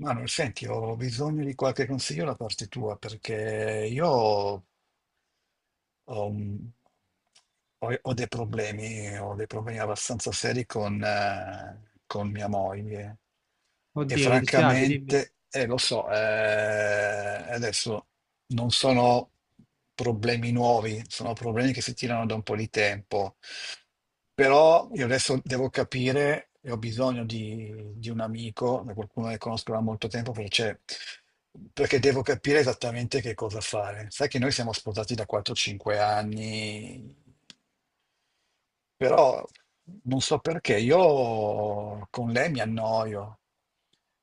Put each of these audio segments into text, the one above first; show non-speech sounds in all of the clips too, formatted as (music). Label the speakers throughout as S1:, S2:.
S1: Manuel, senti, ho bisogno di qualche consiglio da parte tua perché io ho, ho un- ho- ho dei problemi abbastanza seri con mia moglie e
S2: Oddio, mi dispiace, dimmi.
S1: francamente, lo so, adesso non sono problemi nuovi, sono problemi che si tirano da un po' di tempo. Però io adesso devo capire, e ho bisogno di un amico, da qualcuno che conosco da molto tempo, perché devo capire esattamente che cosa fare. Sai che noi siamo sposati da 4-5 anni, però non so perché io con lei mi annoio,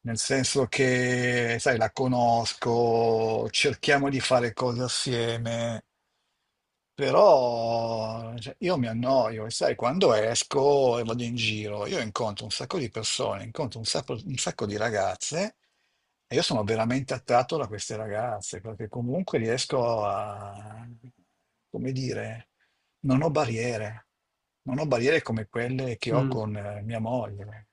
S1: nel senso che, sai, la conosco, cerchiamo di fare cose assieme, però cioè, io mi annoio e sai, quando esco e vado in giro, io incontro un sacco di persone, incontro un sacco di ragazze. E io sono veramente attratto da queste ragazze perché comunque riesco a, come dire, non ho barriere, non ho barriere come quelle che ho
S2: Mm,
S1: con mia moglie.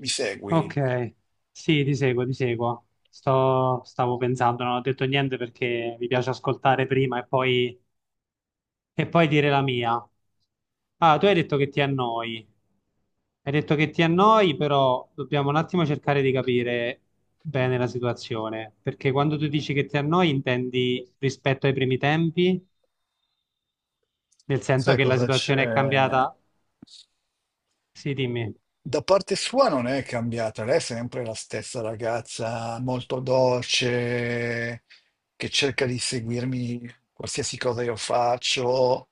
S1: Mi segui?
S2: ok, sì, ti seguo, ti seguo. Stavo pensando, non ho detto niente perché mi piace ascoltare prima e e poi dire la mia. Ah, tu hai detto che ti annoi. Hai detto che ti annoi, però dobbiamo un attimo cercare di capire bene la situazione. Perché quando tu dici che ti annoi, intendi rispetto ai primi tempi, nel senso
S1: Sai
S2: che la
S1: cosa
S2: situazione è
S1: c'è?
S2: cambiata. Sì, dimmi.
S1: Da parte sua non è cambiata, lei è sempre la stessa ragazza, molto dolce, che cerca di seguirmi qualsiasi cosa io faccio.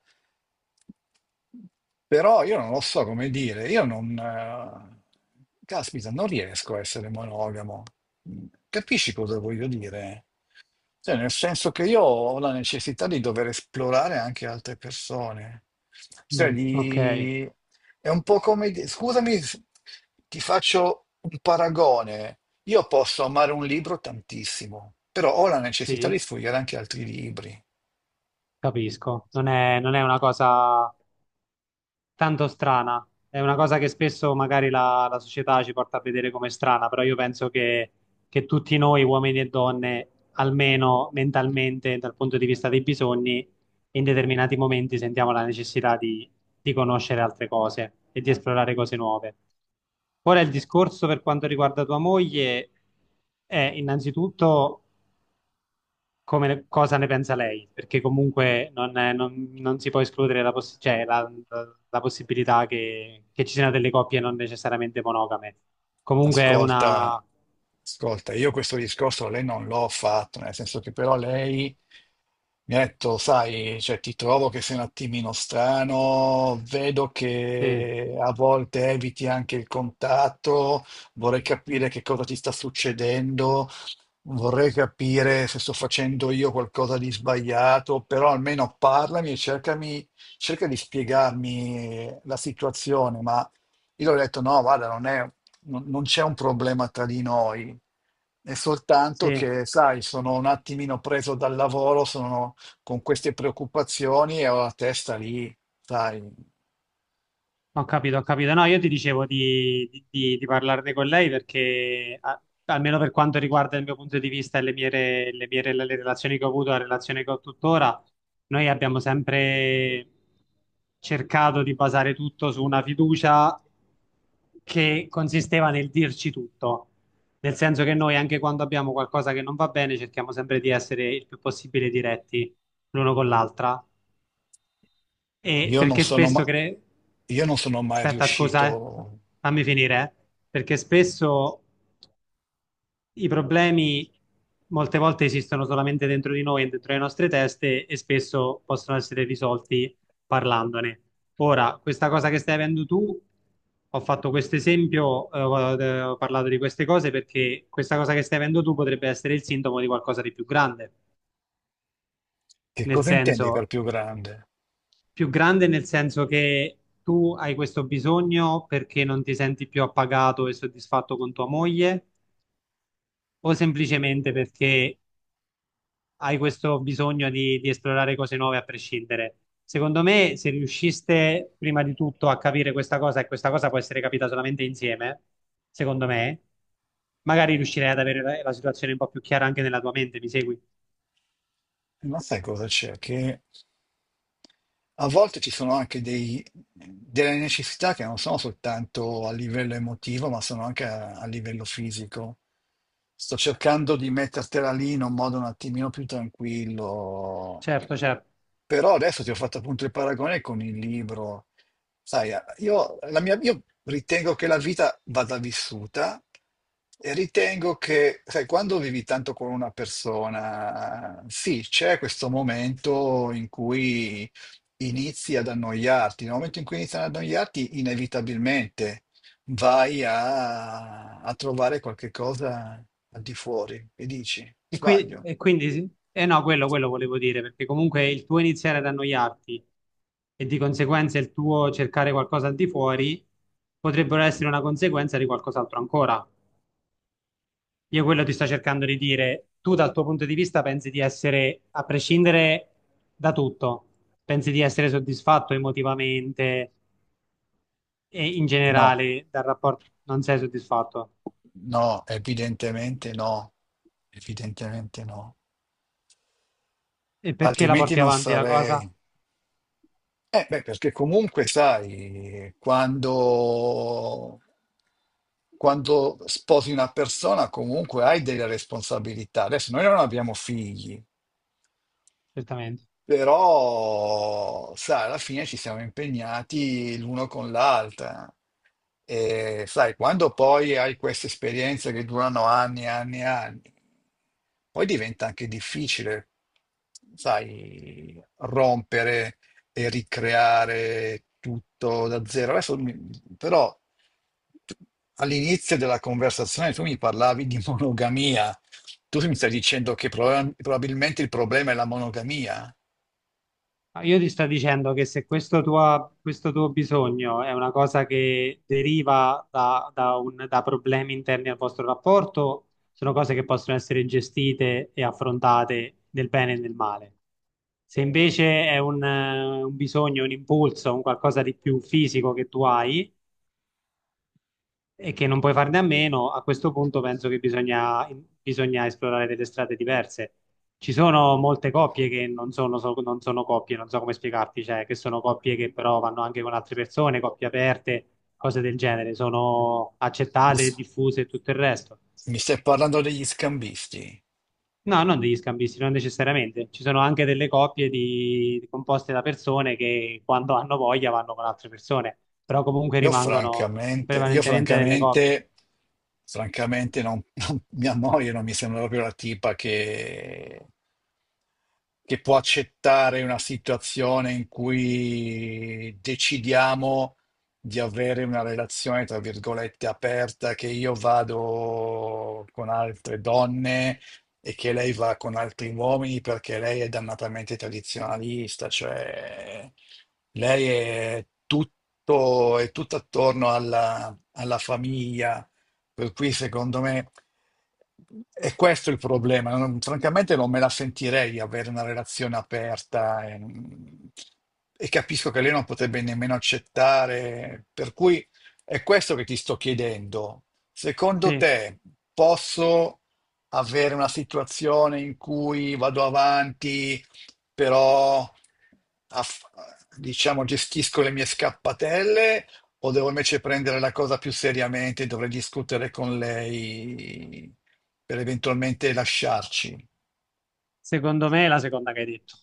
S1: Però io non lo so come dire, io non... caspita, non riesco a essere monogamo. Capisci cosa voglio dire? Cioè, nel senso che io ho la necessità di dover esplorare anche altre persone. Cioè,
S2: Mm, ok,
S1: di- è un po' come... di- Scusami, s- Ti faccio un paragone. Io posso amare un libro tantissimo, però ho la necessità
S2: sì,
S1: di sfogliare anche altri libri.
S2: capisco. Non è una cosa tanto strana. È una cosa che spesso magari la società ci porta a vedere come strana, però io che tutti noi, uomini e donne, almeno mentalmente, dal punto di vista dei bisogni, in determinati momenti sentiamo la necessità di conoscere altre cose e di esplorare cose nuove. Ora il discorso per quanto riguarda tua moglie è innanzitutto cosa ne pensa lei, perché comunque non, è- non- non si può escludere la, poss- cioè, la- la- la possibilità che ci siano delle coppie non necessariamente monogame. Comunque è
S1: Ascolta,
S2: una...
S1: ascolta, io questo discorso a lei non l'ho fatto, nel senso che però lei mi ha detto, sai, cioè, ti trovo che sei un attimino strano, vedo
S2: Sì,
S1: che a volte eviti anche il contatto, vorrei capire che cosa ti sta succedendo. Vorrei capire se sto facendo io qualcosa di sbagliato, però almeno parlami e cercami, cerca di spiegarmi la situazione. Ma io le ho detto: no, guarda, non è- non- non c'è un problema tra di noi, è soltanto
S2: sì.
S1: che, sai, sono un attimino preso dal lavoro, sono con queste preoccupazioni e ho la testa lì, sai.
S2: Ho capito, ho capito. No, io ti dicevo di parlarne con lei perché, a- almeno per quanto riguarda il mio punto di vista e le relazioni che ho avuto, la relazione che ho tuttora, noi abbiamo sempre cercato di basare tutto su una fiducia che consisteva nel dirci tutto. Nel senso che noi, anche quando abbiamo qualcosa che non va bene, cerchiamo sempre di essere il più possibile diretti l'uno con l'altra. E
S1: Io non sono ma- io non sono mai
S2: aspetta, scusa,
S1: riuscito.
S2: fammi finire, perché spesso i problemi molte volte esistono solamente dentro di noi, dentro le nostre teste e spesso possono essere risolti parlandone. Ora, questa cosa che stai avendo tu, ho fatto questo esempio, ho parlato di queste cose perché questa cosa che stai avendo tu potrebbe essere il sintomo di qualcosa di più grande.
S1: Che
S2: Nel
S1: cosa intendi per
S2: senso,
S1: più grande?
S2: più grande nel senso che tu hai questo bisogno perché non ti senti più appagato e soddisfatto con tua moglie o semplicemente perché hai questo bisogno di esplorare cose nuove a prescindere? Secondo me, se riusciste prima di tutto a capire questa cosa e questa cosa può essere capita solamente insieme, secondo me, magari riuscirei ad avere la situazione un po' più chiara anche nella tua mente, mi segui?
S1: Ma sai cosa c'è? Che a volte ci sono anche delle necessità che non sono soltanto a livello emotivo, ma sono anche a livello fisico. Sto cercando di mettertela lì in un modo un attimino più tranquillo.
S2: Certo, certo.
S1: Però adesso ti ho fatto appunto il paragone con il libro. Sai, io ritengo che la vita vada vissuta e ritengo che, sai, quando vivi tanto con una persona, sì, c'è questo momento in cui inizi ad annoiarti. Nel momento in cui inizi ad annoiarti, inevitabilmente a trovare qualche cosa al di fuori e dici,
S2: E, qui-
S1: sbaglio.
S2: e quindi, sì- eh no, Quello volevo dire, perché comunque il tuo iniziare ad annoiarti e di conseguenza il tuo cercare qualcosa al di fuori potrebbero essere una conseguenza di qualcos'altro ancora. Io quello ti sto cercando di dire, tu dal tuo punto di vista pensi di essere, a prescindere da tutto, pensi di essere soddisfatto emotivamente e in
S1: No,
S2: generale dal rapporto non sei soddisfatto.
S1: no, evidentemente no. Evidentemente no,
S2: E perché la
S1: altrimenti
S2: porti
S1: non
S2: avanti la cosa?
S1: sarei. Beh, perché comunque sai, quando sposi una persona comunque hai delle responsabilità. Adesso noi non abbiamo figli.
S2: Certamente.
S1: Però, sai, alla fine ci siamo impegnati l'uno con l'altra. E sai, quando poi hai queste esperienze che durano anni e anni e anni, poi diventa anche difficile, sai, rompere e ricreare tutto da zero. Adesso, mi- però, tu- All'inizio della conversazione tu mi parlavi di (laughs) monogamia. Tu mi stai dicendo che probabilmente il problema è la monogamia?
S2: Ma io ti sto dicendo che se questo tuo bisogno è una cosa che deriva da problemi interni al vostro rapporto, sono cose che possono essere gestite e affrontate nel bene e nel male. Se invece è un bisogno, un impulso, un qualcosa di più fisico che tu hai, e che non puoi farne a meno, a questo punto penso che bisogna esplorare delle strade diverse. Ci sono molte coppie che non sono coppie, non so come spiegarti, cioè che sono coppie che però vanno anche con altre persone, coppie aperte, cose del genere, sono
S1: Gli
S2: accettate,
S1: s-
S2: diffuse e tutto il resto.
S1: Mi stai parlando degli scambisti?
S2: No, non degli scambisti, non necessariamente. Ci sono anche delle composte da persone che quando hanno voglia vanno con altre persone, però comunque
S1: Io
S2: rimangono
S1: francamente, io
S2: prevalentemente delle coppie.
S1: francamente, Francamente non, (laughs) mia moglie non mi sembra proprio la tipa che può accettare una situazione in cui decidiamo di avere una relazione, tra virgolette, aperta, che io vado con altre donne e che lei va con altri uomini perché lei è dannatamente tradizionalista, cioè lei è tutto attorno alla famiglia, per cui secondo me è questo il problema. Francamente non me la sentirei di avere una relazione e capisco che lei non potrebbe nemmeno accettare, per cui è questo che ti sto chiedendo. Secondo
S2: Sì.
S1: te posso avere una situazione in cui vado avanti, però aff- diciamo gestisco le mie scappatelle o devo invece prendere la cosa più seriamente e dovrei discutere con lei per eventualmente lasciarci?
S2: Secondo me è la seconda che hai detto.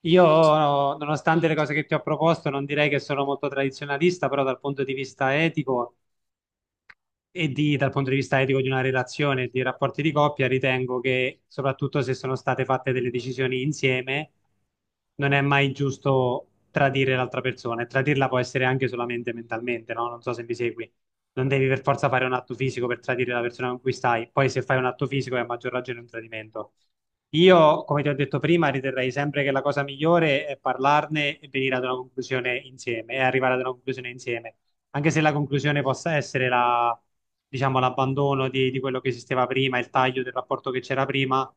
S2: Io, nonostante le cose che ti ho proposto, non direi che sono molto tradizionalista, però dal punto di vista etico dal punto di vista etico di una relazione e di rapporti di coppia, ritengo che soprattutto se sono state fatte delle decisioni insieme, non è mai giusto tradire l'altra persona e tradirla può essere anche solamente mentalmente, no? Non so se mi segui. Non devi per forza fare un atto fisico per tradire la persona con cui stai, poi se fai un atto fisico è a maggior ragione un tradimento. Io, come ti ho detto prima, riterrei sempre che la cosa migliore è parlarne e venire ad una conclusione insieme e arrivare ad una conclusione insieme anche se la conclusione possa essere diciamo, l'abbandono di quello che esisteva prima, il taglio del rapporto che c'era prima,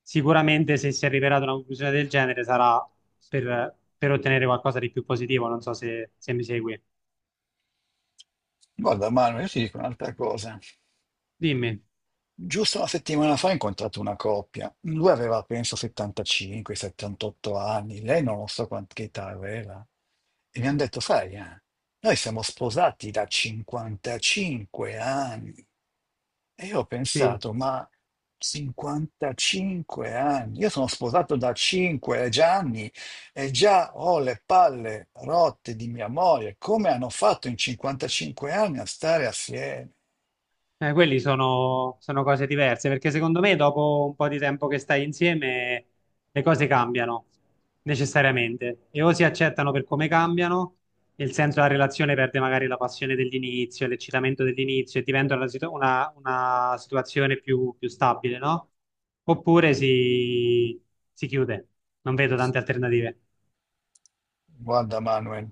S2: sicuramente se si arriverà ad una conclusione del genere sarà per ottenere qualcosa di più positivo, non so se mi segui.
S1: Guarda, Manuel, io ti dico un'altra cosa.
S2: Dimmi,
S1: Giusto una settimana fa ho incontrato una coppia, lui aveva penso 75-78 anni, lei non lo so che età aveva, e mi hanno detto, sai, noi siamo sposati da 55 anni. E io ho
S2: sì.
S1: pensato, ma 55 anni, io sono sposato da 5 anni e già ho le palle rotte di mia moglie, come hanno fatto in 55 anni a stare assieme?
S2: Quelli sono cose diverse, perché secondo me dopo un po' di tempo che stai insieme le cose cambiano necessariamente e o si accettano per come cambiano, nel senso la relazione perde magari la passione dell'inizio, l'eccitamento dell'inizio e diventa una situazione più stabile, no? Oppure si, si chiude. Non vedo tante alternative.
S1: Guarda Manuel,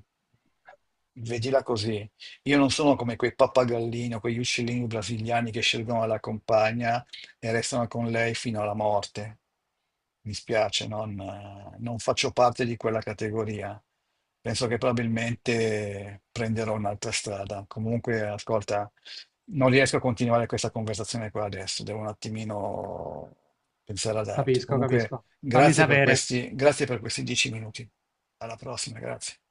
S1: vedila così. Io non sono come quei pappagallini o quegli uccellini brasiliani che scelgono la compagna e restano con lei fino alla morte. Mi spiace, non faccio parte di quella categoria. Penso che probabilmente prenderò un'altra strada. Comunque, ascolta, non riesco a continuare questa conversazione qua adesso, devo un attimino pensare ad altro.
S2: Capisco,
S1: Comunque,
S2: capisco. Fammi sapere.
S1: Grazie per questi 10 minuti. Alla prossima, grazie.